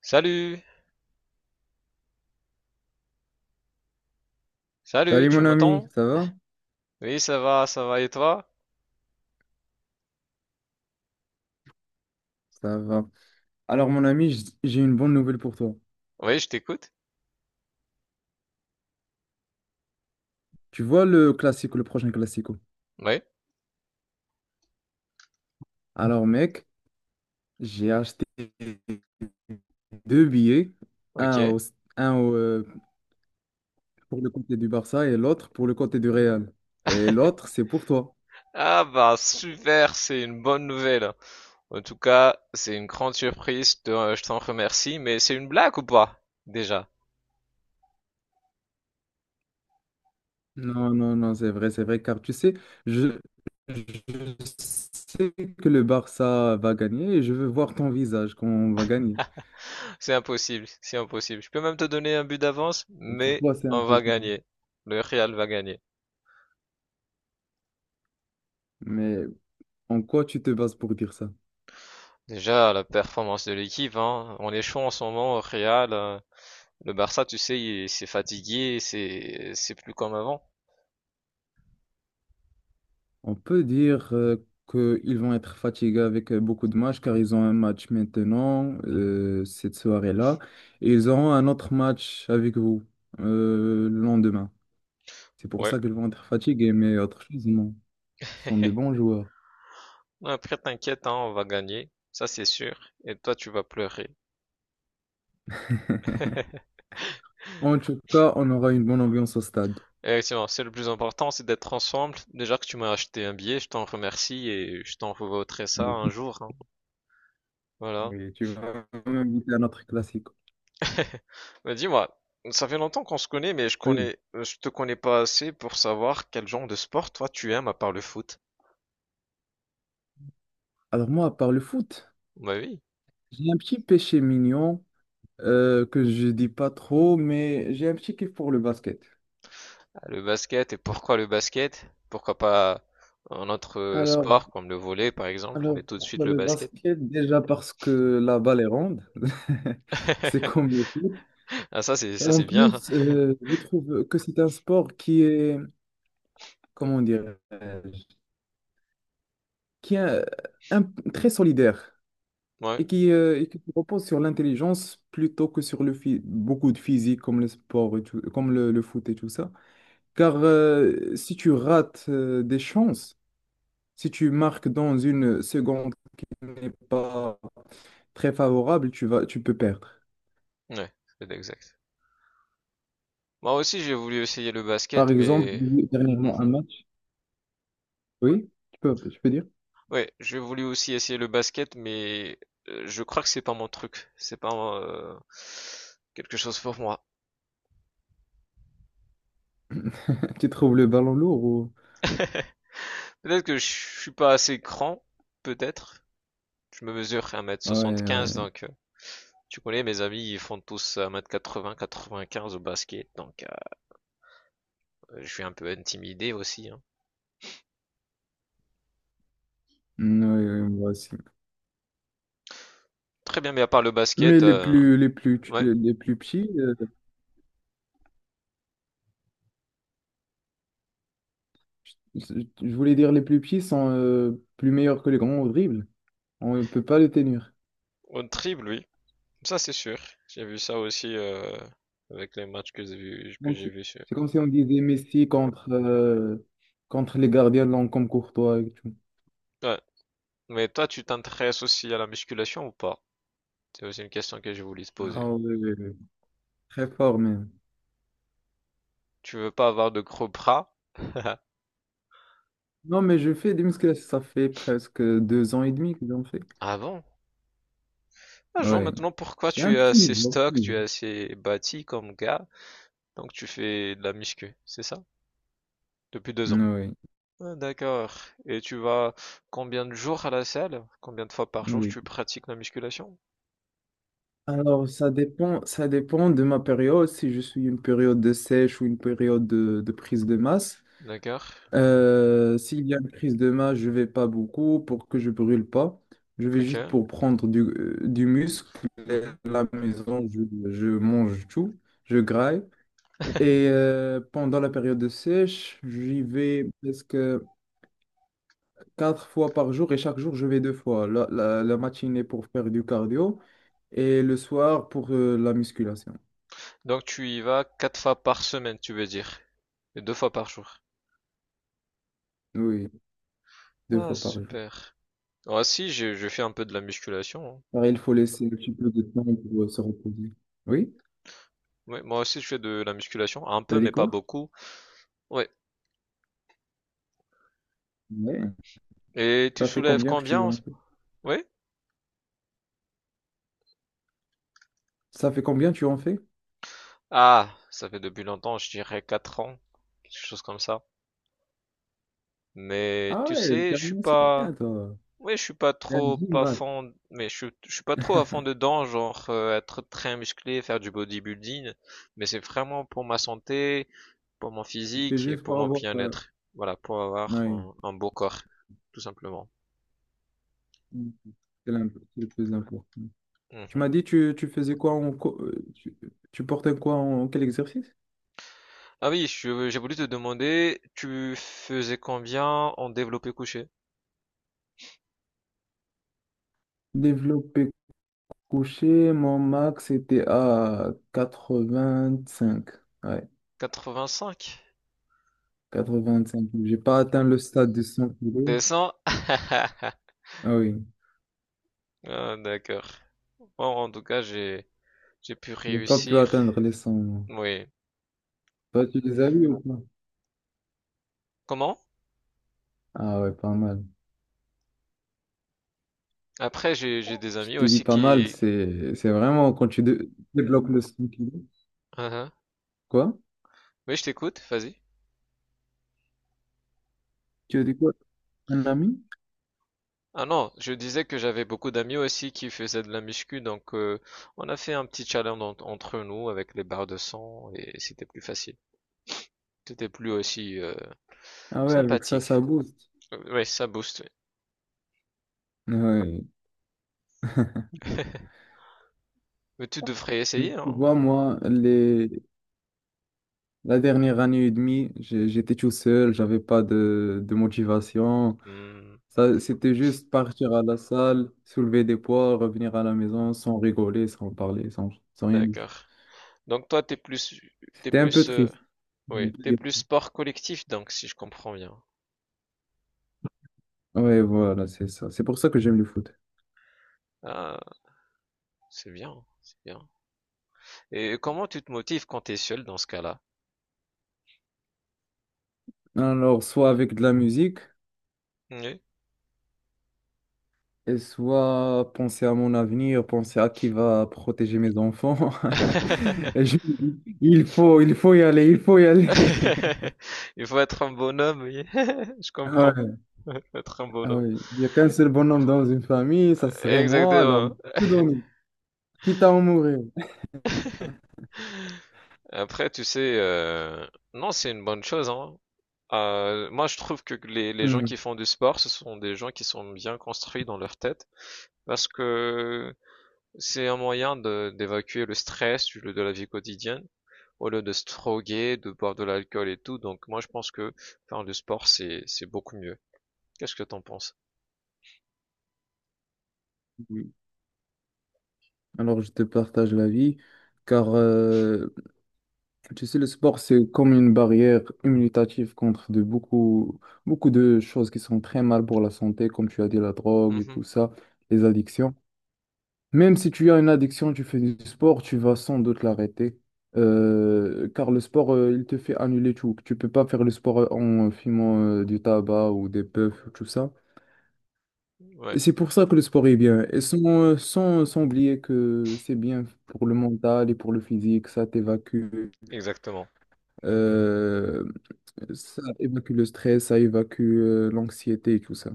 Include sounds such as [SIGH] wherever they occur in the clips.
Salut! Salut, Salut tu mon ami, m'entends? ça va? Oui, ça va, et toi? Ça va. Alors mon ami, j'ai une bonne nouvelle pour toi. Oui, je t'écoute. Tu vois le classico, le prochain classico. Oui, Alors mec, j'ai acheté deux billets, ok. un, au- un pour le côté du Barça et l'autre pour le côté du Real. Et l'autre, c'est pour toi. Ah bah super, c'est une bonne nouvelle. En tout cas, c'est une grande surprise, je t'en remercie, mais c'est une blague ou pas? Déjà, Non, non, non, c'est vrai, car tu sais, je, je sais que le Barça va gagner et je veux voir ton visage quand on va gagner. c'est impossible, c'est impossible. Je peux même te donner un but d'avance, Pour mais toi, c'est on va impossible. gagner. Le Real va gagner. Mais en quoi tu te bases pour dire ça? Déjà, la performance de l'équipe, hein. On est chaud en ce moment au Real. Le Barça, tu sais, c'est fatigué, c'est plus comme avant. On peut dire qu'ils vont être fatigués avec beaucoup de matchs car ils ont un match maintenant, cette soirée-là, et ils auront un autre match avec vous le lendemain. C'est pour Ouais. ça qu'ils vont être fatigués, mais autre chose, non. Ce sont [LAUGHS] des bons joueurs. Après, t'inquiète, hein, on va gagner. Ça, c'est sûr. Et toi, tu vas pleurer. [LAUGHS] En tout cas, on aura une bonne ambiance au stade. Effectivement, c'est le plus important, c'est d'être ensemble. Déjà que tu m'as acheté un billet, je t'en remercie et je t'en revaudrai ça un Oui, jour. Hein. Voilà. oui, tu vas m'inviter à notre classique. [LAUGHS] Mais dis-moi, ça fait longtemps qu'on se connaît, mais Oui. Je te connais pas assez pour savoir quel genre de sport toi tu aimes à part le foot. Alors moi, par le foot, Bah oui. j'ai un petit péché mignon que je dis pas trop, mais j'ai un petit kiff pour le basket. Ah, le basket. Et pourquoi le basket? Pourquoi pas un autre Alors, sport comme le volley par exemple, Alors, mais tout de suite pourquoi le le basket. basket? Déjà parce que la balle est ronde, [LAUGHS] c'est [LAUGHS] comme le foot. Ah, ça c'est Et ça en c'est bien. Hein. plus, je trouve que c'est un sport qui est, comment dire, qui est un- très solidaire Ouais. Et qui repose sur l'intelligence plutôt que sur le beaucoup de physique comme le sport et comme le foot et tout ça. Car si tu rates des chances, si tu marques dans une seconde qui n'est pas très favorable, tu peux perdre. Ouais, c'est exact. Moi aussi, j'ai voulu essayer le Par basket, exemple, j'ai mais. vu dernièrement un Mhm. match. Oui, tu peux dire. Ouais, j'ai voulu aussi essayer le basket, mais je crois que c'est pas mon truc. C'est pas euh, quelque chose pour moi. [LAUGHS] Tu trouves le ballon lourd ou... Peut-être que je suis pas assez grand, peut-être. Je me mesure Ouais, ouais. 1m75, donc tu connais, mes amis, ils font tous 1m80, 95 au basket, donc je suis un peu intimidé aussi. Hein. Mm, ouais, ouais, moi aussi. Très bien, mais à part le Mais basket, ouais, les plus petits, je voulais dire les plus petits sont plus meilleurs que les grands au dribble. On ne peut pas les tenir. on triple, oui. Ça, c'est sûr. J'ai vu ça aussi avec les matchs que j'ai vus. Que Donc, j'ai C'est vu sur- c'est comme si on disait Messi contre les gardiens longs comme Courtois et tout. Ouais. Mais toi, tu t'intéresses aussi à la musculation ou pas? C'est aussi une question que je voulais te poser. Ah ouais, ouais, ouais. Très fort même. Tu veux pas avoir de gros bras? [LAUGHS] Non, mais je fais des musculations, ça fait presque 2 ans et demi que j'en fais. Ah bon? Ah, je vois Ouais, maintenant pourquoi j'ai tu un es petit assez niveau. stock, tu es assez bâti comme gars. Donc tu fais de la muscu, c'est ça? Depuis deux ans. Oui, Ah, d'accord. Et tu vas combien de jours à la salle? Combien de fois par jour oui. tu pratiques la musculation? Alors, ça dépend, de ma période. Si je suis une période de sèche ou une période de prise de masse. D'accord. S'il y a une prise de masse, je vais pas beaucoup pour que je brûle pas. Je vais juste Ok. pour prendre du muscle. Et à Mhm. la maison, je mange tout, je graille. Et pendant la période de sèche, j'y vais presque quatre fois par jour et chaque jour, je vais deux fois. La matinée pour faire du cardio. Et le soir pour la musculation. Donc tu y vas quatre fois par semaine, tu veux dire? Et deux fois par jour. Oui, deux Ah, fois par jour. super. Moi aussi, je fais un peu de la musculation. Hein. Pareil, il faut laisser un petit peu de temps pour se reposer. Oui, Ouais, moi aussi, je fais de la musculation. Un t'as peu, mais dit pas quoi? beaucoup. Ouais. Ouais. Et tu Ça fait soulèves combien que tu combien? Oui. en fais? Ça fait combien que tu en fais? Ah, ça fait depuis longtemps, je dirais 4 ans. Quelque chose comme ça. Mais Ah tu ouais, sais, t'es je suis un ancien, pas. toi. Ouais, je suis pas T'es un trop gym pas rat. fan, mais je suis pas trop à fond dedans, genre être très musclé, faire du bodybuilding, mais c'est vraiment pour ma santé, pour mon Tu fais physique et juste pour pour mon avoir. Bien-être. Voilà, pour avoir Ouais. un beau corps, tout simplement. Mm. C'est le plus important. Tu Mhm. m'as dit, tu portais quoi en quel exercice? Ah oui, j'ai voulu te demander, tu faisais combien en développé couché? Développé couché, mon max était à 85. Ouais. 85? Quatre-vingt-cinq kilos. J'ai pas atteint le stade de 100 kilos. 200? [LAUGHS] Ah oui, Ah, d'accord. Bon, en tout cas, j'ai pu j'ai pas pu réussir. atteindre les 100 moi. Oui. Toi, tu les as eu ou pas? Comment? Ah ouais, pas mal. Après, j'ai des Je amis t'ai dit aussi pas mal, qui. c'est vraiment quand tu débloques le 100 kilos. Hein, hein. Quoi? Oui, je t'écoute, vas-y. Tu as dit quoi? Un ami? Ah non, je disais que j'avais beaucoup d'amis aussi qui faisaient de la muscu, donc on a fait un petit challenge entre nous avec les barres de sang et c'était plus facile. C'était plus aussi Ah ouais, avec ça, sympathique. ça booste. Ouais, ça booste. Ouais. Ouais. Mais tu devrais Mais essayer, tu hein. vois, moi, la dernière année et demie, j'étais tout seul, j'avais pas de motivation. Hmm, Ça, c'était juste partir à la salle, soulever des poids, revenir à la maison sans rigoler, sans parler, sans rien du tout. d'accord. Donc toi, t'es C'était un peu plus, euh, triste. On oui, peut t'es dire. plus sport collectif, donc si je comprends bien. Ouais, voilà, c'est ça. C'est pour ça que j'aime le foot. Ah, c'est bien, c'est bien. Et comment tu te motives quand t'es seul dans ce cas-là? Alors, soit avec de la musique, Oui. et soit penser à mon avenir, penser à qui va protéger mes enfants. [LAUGHS] Et je me dis, il faut y aller, il faut y aller. [LAUGHS] [LAUGHS] Il faut être un bonhomme, oui. [LAUGHS] Je Ah comprends. ouais, [LAUGHS] Il faut être un ah bonhomme. ouais. Il n'y a qu'un seul bonhomme dans une famille, ça serait moi, alors Exactement. je peux donner, quitte à en mourir. Après, tu sais, non, c'est une bonne chose, hein. Moi, je trouve que les gens Hmm. qui font du sport, ce sont des gens qui sont bien construits dans leur tête, parce que c'est un moyen d'évacuer le stress de la vie quotidienne, au lieu de se droguer, de boire de l'alcool et tout. Donc, moi, je pense que faire du sport, c'est beaucoup mieux. Qu'est-ce que t'en penses? Alors, je te partage l'avis, car tu sais, le sport, c'est comme une barrière immunitative contre de beaucoup, beaucoup de choses qui sont très mal pour la santé, comme tu as dit, la drogue et Mhm. tout ça, les addictions. Même si tu as une addiction, tu fais du sport, tu vas sans doute l'arrêter, car le sport, il te fait annuler tout. Tu peux pas faire le sport en fumant du tabac ou des puffs, tout ça. Ouais. Et c'est pour ça que le sport est bien. Et sans, sans oublier que c'est bien pour le mental et pour le physique, ça t'évacue, Exactement. euh, ça évacue le stress, ça évacue l'anxiété et tout ça.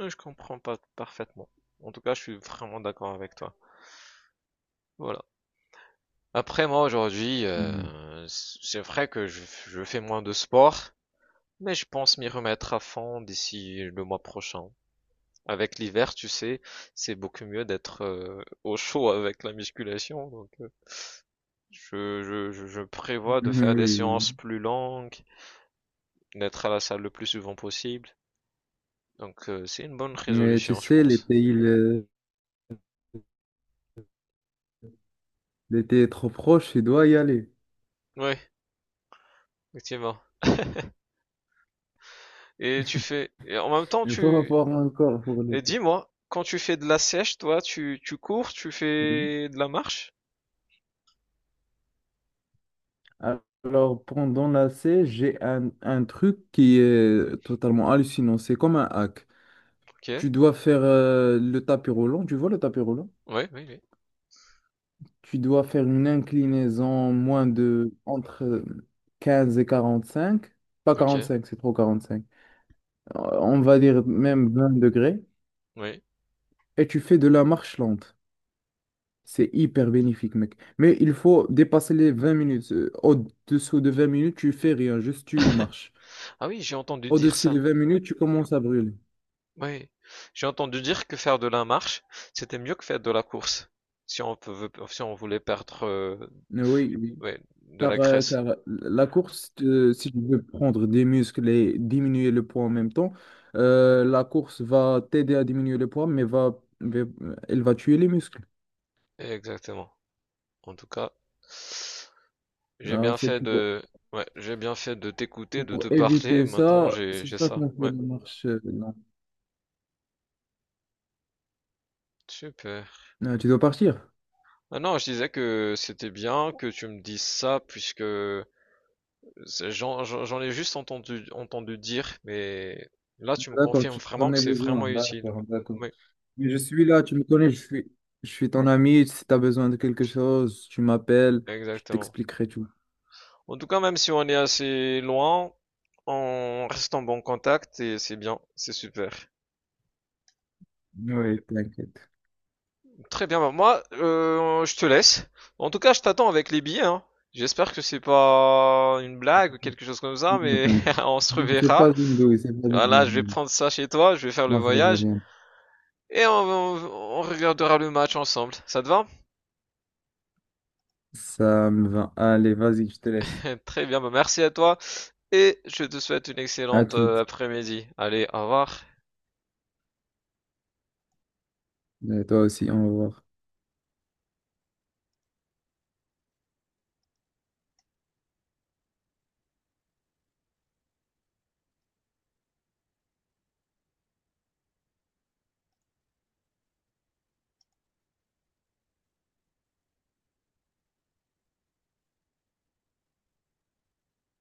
Oui, je comprends pas parfaitement. En tout cas, je suis vraiment d'accord avec toi. Voilà. Après, moi, aujourd'hui, Oui, c'est vrai que je fais moins de sport, mais je pense m'y remettre à fond d'ici le mois prochain. Avec l'hiver, tu sais, c'est beaucoup mieux d'être au chaud avec la musculation. Donc, je [LAUGHS] prévois de faire Mhm, des Oui, séances oui. plus longues, d'être à la salle le plus souvent possible. Donc, c'est une bonne Mais tu résolution, je sais, pense. L'été est trop proche, tu dois y aller. Oui, effectivement. Et tu fais, et en même [LAUGHS] temps, Il faut tu, avoir un corps pour et l'été. dis-moi, quand tu fais de la sèche, toi, tu cours, tu Oui. fais de la marche? Alors, pendant la C, j'ai un truc qui est totalement hallucinant. C'est comme un hack. Ok. Tu dois faire le tapis roulant, tu vois le tapis roulant? Oui, oui, oui. Tu dois faire une inclinaison moins de entre 15 et 45, pas Ok. 45, c'est trop 45. On va dire même 20 degrés Oui. et tu fais de la marche lente. C'est hyper bénéfique, mec. Mais il faut dépasser les 20 minutes. Au-dessous de 20 minutes, tu fais rien, juste tu marches. Ah oui, j'ai entendu dire Au-dessus ça. de 20 minutes, tu commences à brûler. Oui. J'ai entendu dire que faire de la marche, c'était mieux que faire de la course. Si on voulait perdre, Oui, oui. ouais, de Car, la euh, graisse. car la course, si tu veux prendre des muscles et diminuer le poids en même temps, la course va t'aider à diminuer le poids, mais elle va tuer les muscles. Exactement. En tout cas, j'ai Alors, bien c'est fait de, ouais, j'ai bien fait de t'écouter, de te pour parler. éviter Maintenant, ça, c'est j'ai ça ça. qu'on fait Ouais. la marche. Non. Super. Ah, tu dois partir. Ah non, je disais que c'était bien que tu me dises ça, puisque j'en ai juste entendu dire, mais là tu me D'accord, confirmes tu vraiment en que as c'est besoin. vraiment utile. D'accord, d'accord. Oui, Mais je suis là, tu me connais, je suis ton ami. Si tu as besoin de quelque chose, tu m'appelles, je exactement. t'expliquerai tout. En tout cas, même si on est assez loin, on reste en bon contact et c'est bien, c'est super. Oui. T'inquiète. Très bien, bah moi, je te laisse. En tout cas, je t'attends avec les billets, hein. J'espère que c'est pas une blague ou quelque chose comme ça, Non, mais t'inquiète. [LAUGHS] on se Non, c'est reverra. pas une douille, c'est pas une Voilà, je vais blague. prendre ça chez toi, je vais faire le Moi, ça va faire voyage. bien. Et on regardera le match ensemble. Ça te va? Ça me va. Allez, vas-y, je te laisse. [LAUGHS] Très bien, bah merci à toi et je te souhaite une À excellente toute. après-midi. Allez, au revoir. Et toi aussi, au revoir.